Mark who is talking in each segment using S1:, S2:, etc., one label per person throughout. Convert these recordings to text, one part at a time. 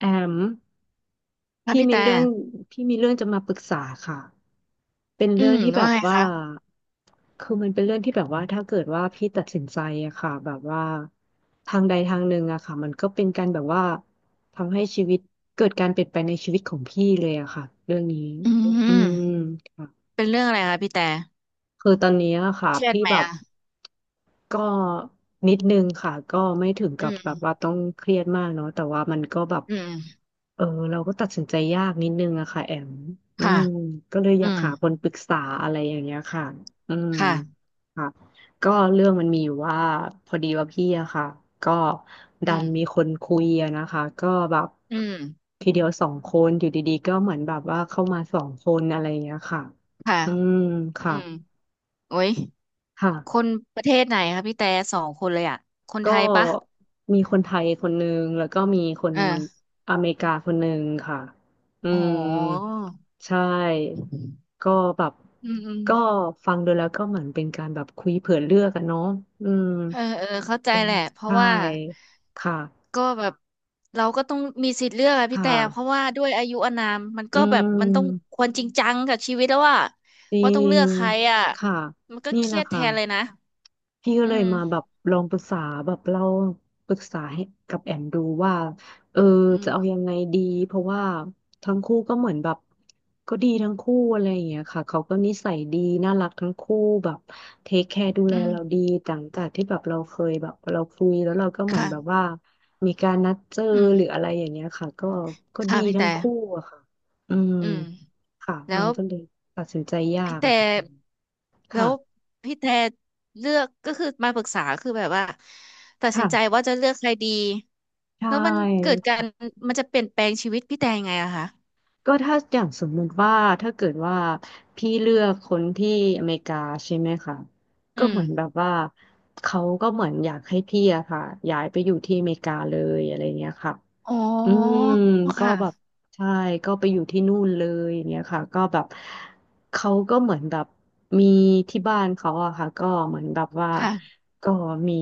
S1: แอม
S2: ค่ะ
S1: พี่
S2: พี่
S1: มี
S2: แต่
S1: เรื่องจะมาปรึกษาค่ะเป็นเรื่องที่แบ
S2: ว่า
S1: บ
S2: ไง
S1: ว่า
S2: คะ
S1: คือมันเป็นเรื่องที่แบบว่าถ้าเกิดว่าพี่ตัดสินใจอะค่ะแบบว่าทางใดทางหนึ่งอะค่ะมันก็เป็นการแบบว่าทำให้ชีวิตเกิดการเปลี่ยนแปลงในชีวิตของพี่เลยอะค่ะเรื่องนี้
S2: อื
S1: อื
S2: ม
S1: มค่ะ
S2: เป็นเรื่องอะไรคะพี่แต่
S1: คือตอนนี้อะค่ะ
S2: เครียด
S1: พี่
S2: ไหม
S1: แบบ
S2: อ่ะ
S1: ก็นิดนึงค่ะก็ไม่ถึง
S2: อื
S1: กับแบ
S2: ม
S1: บว่าต้องเครียดมากเนาะแต่ว่ามันก็แบบ
S2: อืม
S1: เออเราก็ตัดสินใจยากนิดนึงอะค่ะแอมอื
S2: ค่ะ
S1: มก็เลยอ
S2: อื
S1: ยาก
S2: ม
S1: หาคนปรึกษาอะไรอย่างเงี้ยค่ะอืม
S2: ค่ะ
S1: ค่ะก็เรื่องมันมีอยู่ว่าพอดีว่าพี่อะค่ะก็
S2: อื
S1: ดั
S2: ม
S1: นมีคนคุยอะนะคะก็แบบ
S2: อืม
S1: ทีเดียวสองคนอยู่ดีๆก็เหมือนแบบว่าเข้ามาสองคนอะไรอย่างเงี้ยค่ะ
S2: ค่ะ
S1: อืม
S2: อื
S1: ค่ะ
S2: มโอ้ย
S1: ค่ะ
S2: คนประเทศไหนคะพี่แต่สองคนเลยอ่ะคนไท
S1: ก็
S2: ยปะ
S1: มีคนไทยคนหนึงแล้วก็มีคน
S2: เออ
S1: อเมริกาคนหนึงค่ะอื
S2: โอ้โ
S1: ม
S2: ห
S1: ใช่ ก็แบบ
S2: อืม
S1: ก็ฟังดูแล้วก็เหมือนเป็นการแบบคุยเผื่อเลือกอะเนาะอืม
S2: เออเออเข้าใจแหละ เพ
S1: ใช
S2: ราะว่า
S1: ่ ค่ะ
S2: ก็แบบเราก็ต้องมีสิทธิ์เลือกอะพี่
S1: ค่
S2: แต่ เพราะ
S1: ะ
S2: ว่าด้วยอายุอานามมัน
S1: อื
S2: ก็แบบมันต้อง
S1: ม
S2: ควรจริงจังกับชีวิตแล้วว่า
S1: จริ
S2: ต้องเลื
S1: ง
S2: อกใครอะ
S1: ค่ะ
S2: มันก็
S1: นี่
S2: เค
S1: แห
S2: รี
S1: ละ
S2: ยดแท
S1: ค่ะ
S2: นเลยนะ
S1: พี่ก็
S2: อื
S1: เลย
S2: ม
S1: มาแบบลองปรึกษาแบบเราปรึกษาให้กับแอมดูว่าเออ
S2: อื
S1: จะ
S2: ม
S1: เอายังไงดีเพราะว่าทั้งคู่ก็เหมือนแบบก็ดีทั้งคู่อะไรอย่างเงี้ยค่ะเขาก็นิสัยดีน่ารักทั้งคู่แบบเทคแคร์ดูแล
S2: อืม
S1: เราดีหลังจากที่แบบเราเคยแบบเราคุยแล้วเราก็เหมือนแบบ
S2: ค่ะ
S1: ว่ามีการนัดเจอ
S2: อื
S1: หรื
S2: ม
S1: ออะไรอย่างเงี้ยค่ะก็
S2: ค่ะ
S1: ดี
S2: พี่
S1: ทั้
S2: แต่
S1: งคู่อะค่ะอืม
S2: อืม
S1: ค่ะ
S2: แล้
S1: มั
S2: ว
S1: นก็เลย ตัดสินใจยา
S2: พี่
S1: ก
S2: แต่
S1: อะ
S2: แล้ว
S1: ค่ะ
S2: พี่แต่เลือกก็คือมาปรึกษาคือแบบว่าตัดสินใจ
S1: ค่ะ
S2: ว่าจะเลือกใครดี
S1: ใช่
S2: แล้วมันเกิดการมันจะเปลี่ยนแปลงชีวิตพี่แต่ยังไงอะคะ
S1: ก็ถ้าอย่างสมมุติว่าถ้าเกิดว่าพี่เลือกคนที่อเมริกาใช่ไหมคะ
S2: อื
S1: ก็
S2: ม
S1: เหมือนแบบว่าเขาก็เหมือนอยากให้พี่อะค่ะย้ายไปอยู่ที่อเมริกาเลยอะไรเงี้ยค่ะ
S2: อ๋
S1: อืม
S2: อ
S1: ก็
S2: ค่ะ
S1: แบบใช่ก็ไปอยู่ที่นู่นเลยอย่างเงี้ยค่ะก็แบบเขาก็เหมือนแบบมีที่บ้านเขาอะค่ะก็เหมือนแบบว่า
S2: ค่ะ
S1: ก็มี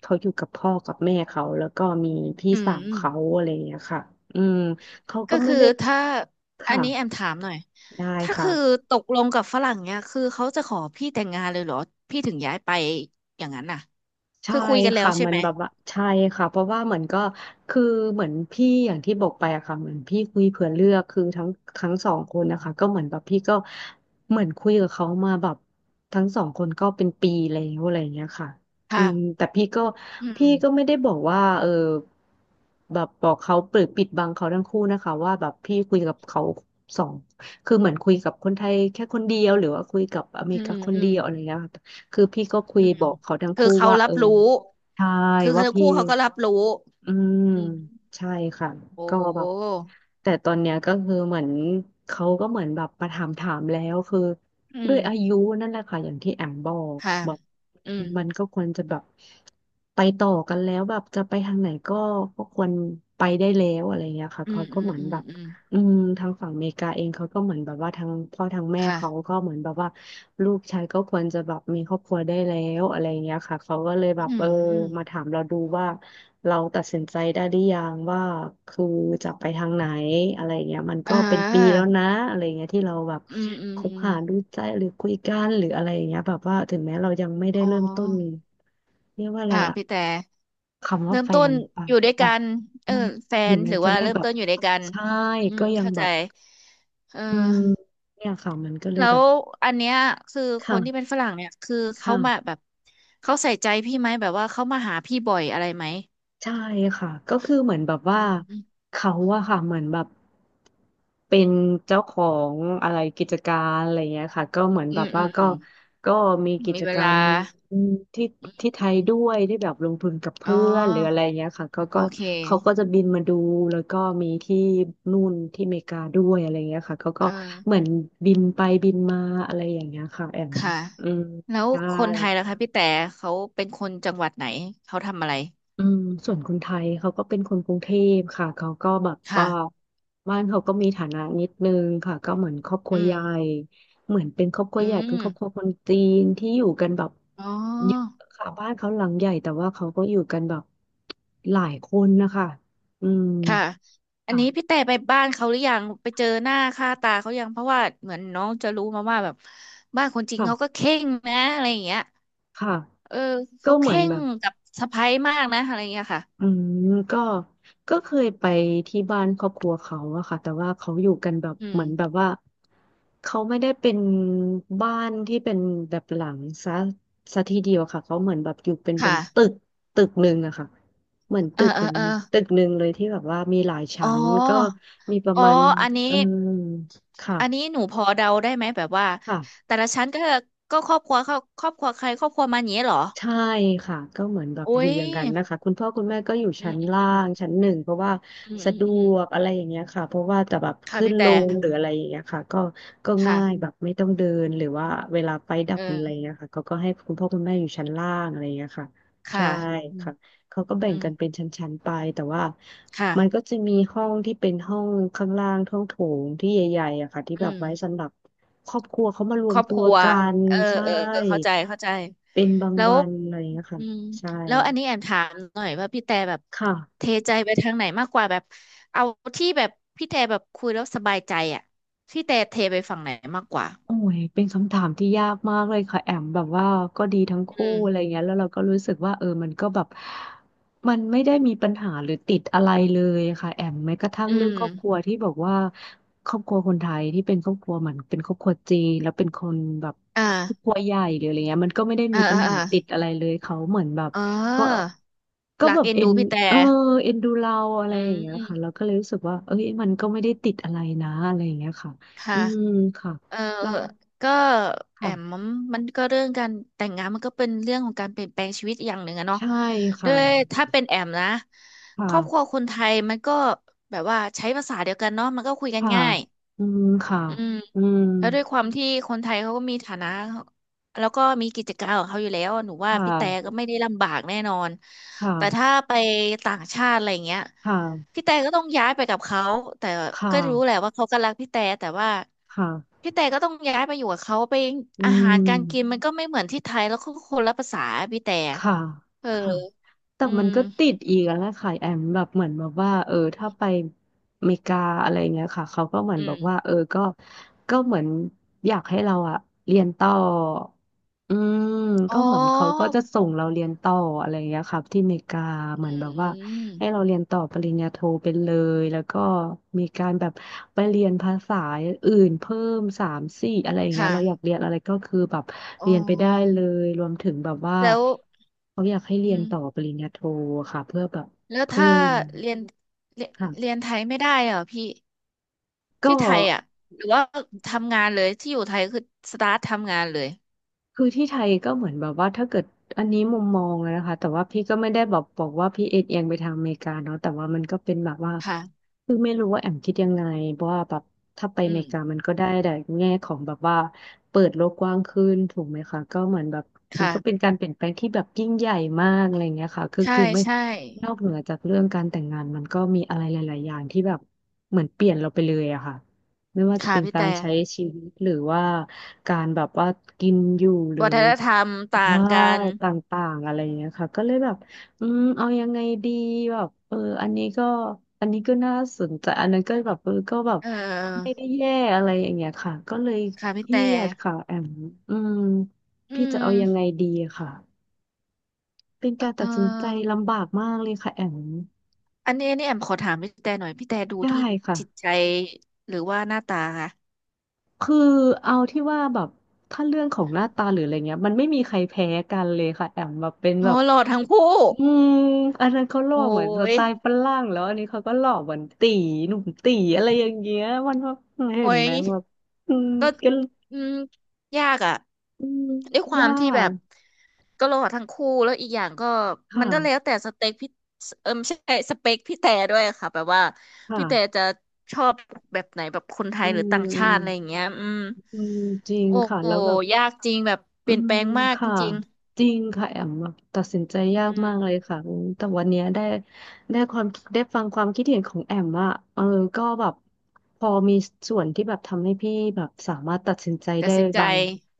S1: เขาอยู่กับพ่อกับแม่เขาแล้วก็มีพี่
S2: อืม
S1: สาว
S2: อืม
S1: เขาอะไรอย่างเงี้ยค่ะอืมเขา
S2: ก็
S1: ก็ไม่
S2: คือ
S1: ได้
S2: ถ้าอั
S1: ค่ะ
S2: นนี้แอมถามหน่อย
S1: ได้
S2: ถ้า
S1: ค่ะ
S2: คือตกลงกับฝรั่งเนี่ยคือเขาจะขอพี่แต่งงานเลยเหรอพี่ถึงย้ายไปอย่างนั้นน่ะ
S1: ใช่
S2: คือคุยกันแล้ว
S1: ค่ะ
S2: ใช่
S1: มัน
S2: ไหม
S1: แบบว่าใช่ค่ะเพราะว่าเหมือนก็คือเหมือนพี่อย่างที่บอกไปอะค่ะเหมือนพี่คุยเผื่อเลือกคือทั้งสองคนนะคะก็เหมือนแบบพี่ก็เหมือนคุยกับเขามาแบบทั้งสองคนก็เป็นปีแล้วอะไรอย่างเงี้ยค่ะอืม
S2: ค่ะ
S1: แต่
S2: อื
S1: พี่
S2: ม
S1: ก็ไม่ได้บอกว่าเออแบบบอกเขาเปิดปิดบังเขาทั้งคู่นะคะว่าแบบพี่คุยกับเขาสองคือเหมือนคุยกับคนไทยแค่คนเดียวหรือว่าคุยกับอเม
S2: อื
S1: ริกา
S2: ม
S1: คน
S2: อื
S1: เดี
S2: ม
S1: ยวอะไรอย่างเงี้ยค่ะ คือพี่ก็คุย
S2: อืม
S1: บอกเขาทั้ง
S2: คือ
S1: คู่
S2: เขา
S1: ว่าเอ
S2: รั
S1: อ
S2: บรู้
S1: ใช่
S2: คือ
S1: ว่า
S2: ทั้ง
S1: พี่
S2: คู่เขาก็รับรู้
S1: อืม
S2: อืม
S1: ใช่ค่ะ
S2: โอ
S1: ก็แบบ
S2: ้
S1: แต่ตอนเนี้ยก็คือเหมือนเขาก็เหมือนแบบมาถามแล้วคือ
S2: อื
S1: ด้
S2: ม
S1: วยอายุนั่นแหละค่ะอย่างที่แอมบอก
S2: ค่ะ
S1: แบบ
S2: อืม
S1: มันก็ควรจะแบบไปต่อกันแล้วแบบจะไปทางไหนก็ควรไปได้แล้วอะไรเงี้ยค่ะ
S2: อื
S1: เขา
S2: ม
S1: ก็
S2: อืม
S1: เหมือน
S2: อืม
S1: แบบ
S2: อืม
S1: อืมทางฝั่งอเมริกาเองเขาก็เหมือนแบบว่าทางพ่อทางแม่
S2: ค่ะ
S1: เขาก็เหมือนแบบว่าลูกชายก็ควรจะแบบมีครอบครัวได้แล้วอะไรอย่างเงี้ยค่ะเขาก็เลยแบ
S2: อื
S1: บเอ
S2: ม
S1: อ
S2: อืม
S1: มาถามเราดูว่าเราตัดสินใจได้หรือยังว่าคือจะไปทางไหนอะไรอย่างเงี้ยมัน
S2: อ่
S1: ก็เป็นปีแล้
S2: า
S1: วนะอะไรอย่างเงี้ยที่เราแบบ
S2: อืมอืม
S1: คบ
S2: อืม
S1: หาดูใจหรือคุยกันหรืออะไรอย่างเงี้ยแบบว่าถึงแม้เรายังไม่ได้
S2: อ๋
S1: เริ่มต้น
S2: อ
S1: เรียกว่าอะไร
S2: ค่ะ
S1: อะ
S2: พี่แต่
S1: คำว่า
S2: เริ่ม
S1: แฟ
S2: ต้น
S1: นปะ
S2: อยู่ด้วย
S1: แบ
S2: กั
S1: บ
S2: นเอ
S1: อื
S2: อ
S1: ม
S2: แฟ
S1: ถึ
S2: น
S1: ง
S2: ห
S1: แม้
S2: รือ
S1: จะ
S2: ว่า
S1: ไม่
S2: เริ่ม
S1: แบบ
S2: ต้นอยู่ด้วยกัน
S1: ใช่ก็ยัง
S2: เข้า
S1: แบ
S2: ใจ
S1: บ
S2: เอ
S1: อืม
S2: อ
S1: เนี่ยค่ะมันก็เลย
S2: แล้
S1: แบ
S2: ว
S1: บ
S2: อันเนี้ยคือคนที่
S1: ค่ะ
S2: เป็นฝรั่งเนี่ยคือ
S1: ค
S2: เขามาแบ
S1: ่ะ
S2: บเขาใส่ใจพี่ไหมแบบว่าเขามาหาพี่บ่อยอะไรไหม
S1: ใช่ค่ะก็คือเหมือนแบบว่า
S2: อืม
S1: เขาอะค่ะเหมือนแบบเป็นเจ้าของอะไรกิจการอะไรเงี้ยค่ะก็เหมือน
S2: อื
S1: แบบ
S2: มอื
S1: ว่า
S2: มอืม
S1: ก็มีกิ
S2: มี
S1: จ
S2: เว
S1: กา
S2: ลา
S1: รที่
S2: อืม
S1: ที่ไท
S2: อื
S1: ย
S2: ม
S1: ด้วยที่แบบลงทุนกับ
S2: อ๋อ
S1: เพื่อนหรืออะไรเงี้ยค่ะ
S2: โอ
S1: ก็
S2: เค
S1: เขาก็จะบินมาดูแล้วก็มีที่นู่นที่อเมริกาด้วยอะไรเงี้ยค่ะเขาก็
S2: เออ
S1: เหมือนบินไปบินมาอะไรอย่างเงี้ยค่ะแอม
S2: ค่ะ
S1: อืม
S2: แล้ว
S1: ใช่
S2: คนไทยล่ะคะพี่แต่เขาเป็นคนจังหวัดไหนเขาทำอะไร
S1: อืมส่วนคนไทยเขาก็เป็นคนกรุงเทพค่ะเขาก็แบบว่า
S2: ค่ะ
S1: บ้านเขาก็มีฐานะนิดนึงค่ะก็เหมือนครอบครั
S2: อื
S1: วใหญ่
S2: ม
S1: เหมือนเป็นครอบครัว
S2: อื
S1: ใหญ่เป็น
S2: ม
S1: ครอบครัวคนจีนที่อยู่กันแบบ
S2: อ๋
S1: เยอะ
S2: อ
S1: ค่ะบ้านเขาหลังใหญ่แต่ว่าเขาก็อยู่กันแบบหลายคนนะคะอืม
S2: ค่ะอัน
S1: ค่ะ
S2: นี้พี่แต่ไปบ้านเขาหรือยังไปเจอหน้าค่าตาเขายังเพราะว่าเหมือนน้องจะรู้มาว่าแบบบ้านคนจีน
S1: ค่ะ
S2: เขาก็เข่งนะอะไรอย่างเงี้ย
S1: ค่ะ
S2: เออ
S1: ก็
S2: เขา
S1: เหมือน
S2: เข่
S1: แบ
S2: ง
S1: บ
S2: กับสะใภ้มากนะอะไรอย่างเงี้ยค่ะ
S1: อืมก็ก็เคยไปที่บ้านครอบครัวเขาอะค่ะแต่ว่าเขาอยู่กันแบบ
S2: อื
S1: เห
S2: ม
S1: มือนแบบว่าเขาไม่ได้เป็นบ้านที่เป็นแบบหลังซะทีเดียวค่ะเขาเหมือนแบบอยู่เป็น
S2: ค่ะ
S1: ตึกหนึ่งอะค่ะเหมือน
S2: เอ
S1: ตึ
S2: อ
S1: ก
S2: เอ
S1: เห
S2: อ
S1: มือน
S2: เออ
S1: ตึกหนึ่งเลยที่แบบว่ามีหลาย
S2: อ๋
S1: ชั้นก็
S2: อ
S1: มีประ
S2: อ๋อ
S1: มาณ
S2: อันนี้
S1: เออ
S2: อันนี้
S1: ค่ะ
S2: หนูพอเดาได้ไหมแบบว่า
S1: ค่ะ
S2: แต่ละชั้นก็ครอบครัวเขาครอบครัวใครครอบครัวมันอย่างนี้เหรอ
S1: ใช่ค่ะก็เหมือนแบบ
S2: โอ้
S1: อยู่
S2: ย
S1: อย่างนั้นนะคะคุณพ่อคุณแม่ก็อยู่
S2: อื
S1: ชั้
S2: ม
S1: นล่า
S2: อืม
S1: งชั้นหนึ่งเพราะว่า
S2: อืม
S1: สะ
S2: อืมอื
S1: ด
S2: มอืม
S1: วกอะไรอย่างเงี้ยค่ะเพราะว่าแต่แบบ
S2: ค่ะ
S1: ขึ้น
S2: พี่
S1: ล
S2: แต่
S1: งหรืออะไรอย่างเงี้ยค่ะก็ง่าย
S2: ค่ะ
S1: แบบไม่ต้องเดินหรือว่าเวลาไฟดับหรืออะไร
S2: เออ
S1: เงี้ยค่ะเขาก็ให้คุณพ่อคุณแม่อยู่ชั้นล่างอะไรเงี้ยค่ะ
S2: ค่ะ
S1: ใช่
S2: อืม
S1: ค่ะเขาก็แบ่
S2: อื
S1: ง
S2: ม
S1: กันเป็นชั้นๆไปแต่ว่า
S2: ค่ะ
S1: มันก็จะมีห้องที่เป็นห้องข้างล่างห้องโถงที่ใหญ่ๆอะค่ะที่แบ
S2: อื
S1: บ
S2: ม
S1: ไว้สำหรับครอบครัวเขามาร
S2: ค
S1: วม
S2: รอบ
S1: ตั
S2: ค
S1: ว
S2: รัว
S1: กัน
S2: เออ
S1: ใช่
S2: เออเออเข้าใจเข้าใจ
S1: เป็นบาง
S2: แล้ว
S1: วันอะไรอย่างเงี้ย
S2: อื
S1: ค่ะ
S2: ม
S1: ใช่
S2: แล้วอันนี้แอมถามหน่อยว่าพี่แต่แบบ
S1: ค่ะ
S2: เทใจไปทางไหนมากกว่าแบบเอาที่แบบพี่แต่แบบคุยแล้วสบายใจอ่ะพี่แต่เทไปฝั่งไหนมากกว่า
S1: โอ้ยเป็นคำถามที่ยากมากเลยค่ะแอมแบบว่าก็ดีทั้งคู่
S2: อืม
S1: อะไรเงี้ยแล้วเราก็รู้สึกว่ามันก็แบบมันไม่ได้มีปัญหาหรือติดอะไรเลยค่ะแอมแม้กระทั่ง
S2: อื
S1: เรื่อง
S2: ม
S1: ครอบครัวที่บอกว่าครอบครัวคนไทยที่เป็นครอบครัวเหมือนเป็นครอบครัวจีนแล้วเป็นคนแบบ
S2: อ่า
S1: ครอบครัวใหญ่หรืออะไรเงี้ยมันก็ไม่ได้
S2: อ่า
S1: มีปัญ
S2: อ่า
S1: หาติดอะไรเลยเขาเหมือนแบบ
S2: เ
S1: ก็
S2: ออ
S1: ก็
S2: รั
S1: แบ
S2: ก
S1: บ
S2: เอ็นดูพี่แต่
S1: เออเอ็นดูเราอะไร
S2: อื
S1: อย่างเงี้ยค่ะเรา
S2: ม
S1: ก็เลยรู้สึกว่าเอ้ยมันก็ไม่ได้ติดอะไรนะอะไรอย่างเงี้ยค่ะ
S2: ค่ะ
S1: อืมค่ะ
S2: เออ
S1: เรา
S2: ก็แอ
S1: ค่ะ
S2: มมันก็เรื่องการแต่งงานมันก็เป็นเรื่องของการเปลี่ยนแปลงชีวิตอย่างหนึ่งอะเนาะ
S1: ใช่
S2: ด้
S1: ค่ะ
S2: วยถ้าเป็นแอมนะ
S1: ค
S2: ครอบครัว
S1: ่ะ
S2: คนไทยมันก็แบบว่าใช้ภาษาเดียวกันเนาะมันก็คุยกัน
S1: ค่ะ
S2: ง่าย
S1: อืมค่ะ
S2: อืม
S1: อืม
S2: แล้วด้วยความที่คนไทยเขาก็มีฐานะแล้วก็มีกิจการของเขาอยู่แล้วหนูว่า
S1: ค่
S2: พี่แต่ก็
S1: ะ
S2: ไม่ได้ลำบากแน่นอน
S1: ค
S2: แต่ถ้า
S1: ่ะ
S2: ไปต่างชาติอะไรเงี้ย
S1: ค่ะ
S2: พี่แต่ก็ต้องย้ายไปกับเขาแต่
S1: ค่ะ
S2: ก็รู้แหละว่าเขาก็รักพี่แต่แต่ว่า
S1: ค่ะ
S2: พี่แต่ก็ต้องย้ายไปอยู่กับเขาไป
S1: อื
S2: อาหารการกิน
S1: ม
S2: มันก็ไม่เหมือนที่ไทยแล้วก็คนละภาษาพี่แต่
S1: ค่ะ
S2: เออ
S1: ค่ะแต่
S2: อื
S1: มั
S2: ม
S1: นก็ติดอีกแล้วค่ะแอมแบบเหมือนแบบว่าถ้าไปอเมริกาอะไรเงี้ยค่ะเขาก็เหมือน
S2: อื
S1: บอกว่า
S2: ม
S1: ก็เหมือนอยากให้เราอะเรียนต่ออืมก็
S2: อ๋อ
S1: เหมือนเขาก็จะส่งเราเรียนต่ออะไรเงี้ยครับที่อเมริกาเหมือนแบบ
S2: อื
S1: ว่า
S2: ม
S1: ให้เราเรียนต่อปริญญาโทเป็นเลยแล้วก็มีการแบบไปเรียนภาษาอื่นเพิ่มสามสี่อะไรอย่างเงี้ย
S2: ค่ะ
S1: เราอยากเรียนอะไรก็คือแบบ
S2: อ๋
S1: เรียนไปได้
S2: อ
S1: เลยรวมถึงแบบว่า
S2: แล้ว
S1: เขาอยากให้
S2: อื
S1: เรียน
S2: ม
S1: ต่อปริญญาโทค่ะเพื่อแบบ
S2: แล้ว
S1: เพิ่
S2: ถ้า
S1: ม
S2: เรียนเรียนเรี
S1: ค่ะ
S2: ยนไทยไม่ได้เหรอพี่ที่
S1: ก็
S2: ไทยอ่ะหรือว่าทำงานเลยที่อยู่ไทยคือสตาร์ททำงานเลย
S1: คือที่ไทยก็เหมือนแบบว่าถ้าเกิดอันนี้มุมมองอะนะคะแต่ว่าพี่ก็ไม่ได้แบบบอกว่าพี่เอ็นเอียงไปทางอเมริกาเนาะแต่ว่ามันก็เป็นแบบว่า
S2: ค่ะ
S1: คือไม่รู้ว่าแอมคิดยังไงเพราะว่าแบบถ้าไป
S2: อื
S1: อเม
S2: ม
S1: ริกามันก็ได้แต่แง่ของแบบว่าเปิดโลกกว้างขึ้นถูกไหมคะก็เหมือนแบบมันก็เป็น
S2: ค่ะ
S1: การเปลี่ยนแปลงที่แบบยิ่งใหญ่มากอะไรเงี้ยค่ะคือ
S2: ใช่
S1: คือไม่
S2: ใช่
S1: นอกเหนือจากเรื่องการแต่งงานมันก็มีอะไรหลายๆอย่างที่แบบเหมือนเปลี่ยนเราไปเลยอะค่ะ ไม่ว่าจะ
S2: ค่ะ
S1: เป็น
S2: พี่
S1: การ
S2: แต่
S1: ใช้ชีวิตหรือว่าการแบบว่ากินอยู่หรือ
S2: วัฒนธรรมต่า
S1: ใช่
S2: งกัน
S1: ต่างๆอะไรอย่างเงี้ยค่ะก็เลยแบบอืมเอายังไงดีแบบอันนี้ก็อันนี้ก็น่าสนใจอันนั้นก็แบบก็แบบ
S2: เ
S1: ไม่
S2: ออ
S1: ได้แย่อะไรอย่างเงี้ยค่ะก็เลย
S2: ค่ะ
S1: เค
S2: พี่
S1: รี
S2: แต่
S1: ยดค่ะแอมอืม
S2: อื
S1: พี่จะ
S2: ม
S1: เอายังไงดีค่ะเป็นการ
S2: เอ
S1: ตัดสินใจ
S2: อ
S1: ลำบากมากเลยค่ะแอม
S2: อันนี้แอมขอถามพี่แต่หน่อย พี่แต่ดู
S1: ได้
S2: ที่
S1: ค่ะ
S2: จิตใจหรือว่าหน้าตาคะ
S1: คือเอาที่ว่าแบบถ้าเรื่องของหน้าตาหรืออะไรเงี้ยมันไม่มีใครแพ้กันเลยค่ะแอมแบบเป็น
S2: โอ้
S1: แบบ
S2: หล่อทั้งคู่
S1: อืมอันนั้นเขาหล่อ
S2: โอ้
S1: เหมือนส
S2: ย
S1: ไตล์ฝรั่งแล้วอันนี้เขาก็หล่อเหมือนตีหนุ่มตีอะไรอย่างเงี้ยมันแบบเห็
S2: โอ้
S1: น
S2: ย
S1: ไหมแบบอืม
S2: ก็
S1: ก็
S2: อืม ยากอ่ะ
S1: อืม
S2: ด้วยควา
S1: ยา
S2: มที่แบ
S1: ก
S2: บ ก็หล่อทั้งคู่แล้วอีกอย่างก็มันก็แล้ว
S1: ค่ะ
S2: แต่สเต็กพี่เออไม่ใช่สเปคพี่แต่ด้วยค่ะแบบว่าพี่แต่
S1: ค่ะ
S2: จะชอบแบบไหนแบบคนไท
S1: อื
S2: ยหรือต่างชาติอะไรอ
S1: ม
S2: ย่างเงี้ย
S1: อืมจริง
S2: โอ้
S1: ค่ะ
S2: โห
S1: แล้วแบบ
S2: ยากจริงแบบเป
S1: อื
S2: ลี่ยนแปล
S1: ม
S2: งมากจ
S1: ค่ะ
S2: ริง
S1: จริงค่ะแอมแบบตัดสินใจยา
S2: ๆ
S1: กมากเลยค่ะอืมแต่วันเนี้ยได้ได้ความได้ฟังความคิดเห็นของแอมอะก็แบบพอมีส่วนที่แบบทำให้พี่แบบสามารถตัดสินใจ
S2: ตั
S1: ได้
S2: ดสินใจ
S1: บาง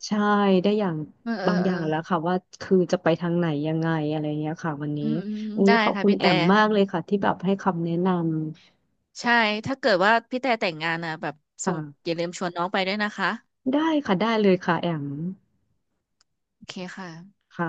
S1: ใช่ได้อย่าง
S2: เออเออ
S1: บางอ
S2: เอ
S1: ย่า
S2: อ
S1: งแล้วค่ะว่าคือจะไปทางไหนยังไงอะไรเงี้ยค่ะวัน
S2: อื
S1: นี้
S2: มอืม
S1: อุ้ย
S2: ได้
S1: ขอบ
S2: ค่ะ
S1: คุณ
S2: พี่
S1: แอ
S2: แต่
S1: มมากเลยค่ะที่แบบให้คำแนะน
S2: ใช่ถ้าเกิดว่าพี่แต่แต่งงานนะแบบ
S1: ำ
S2: ส่งอ
S1: ค่ะ
S2: ย่าลืมชวนน้องไปด้วยนะคะ
S1: ได้ค่ะได้เลยค่ะแอม
S2: โอเคค่ะ
S1: ค่ะ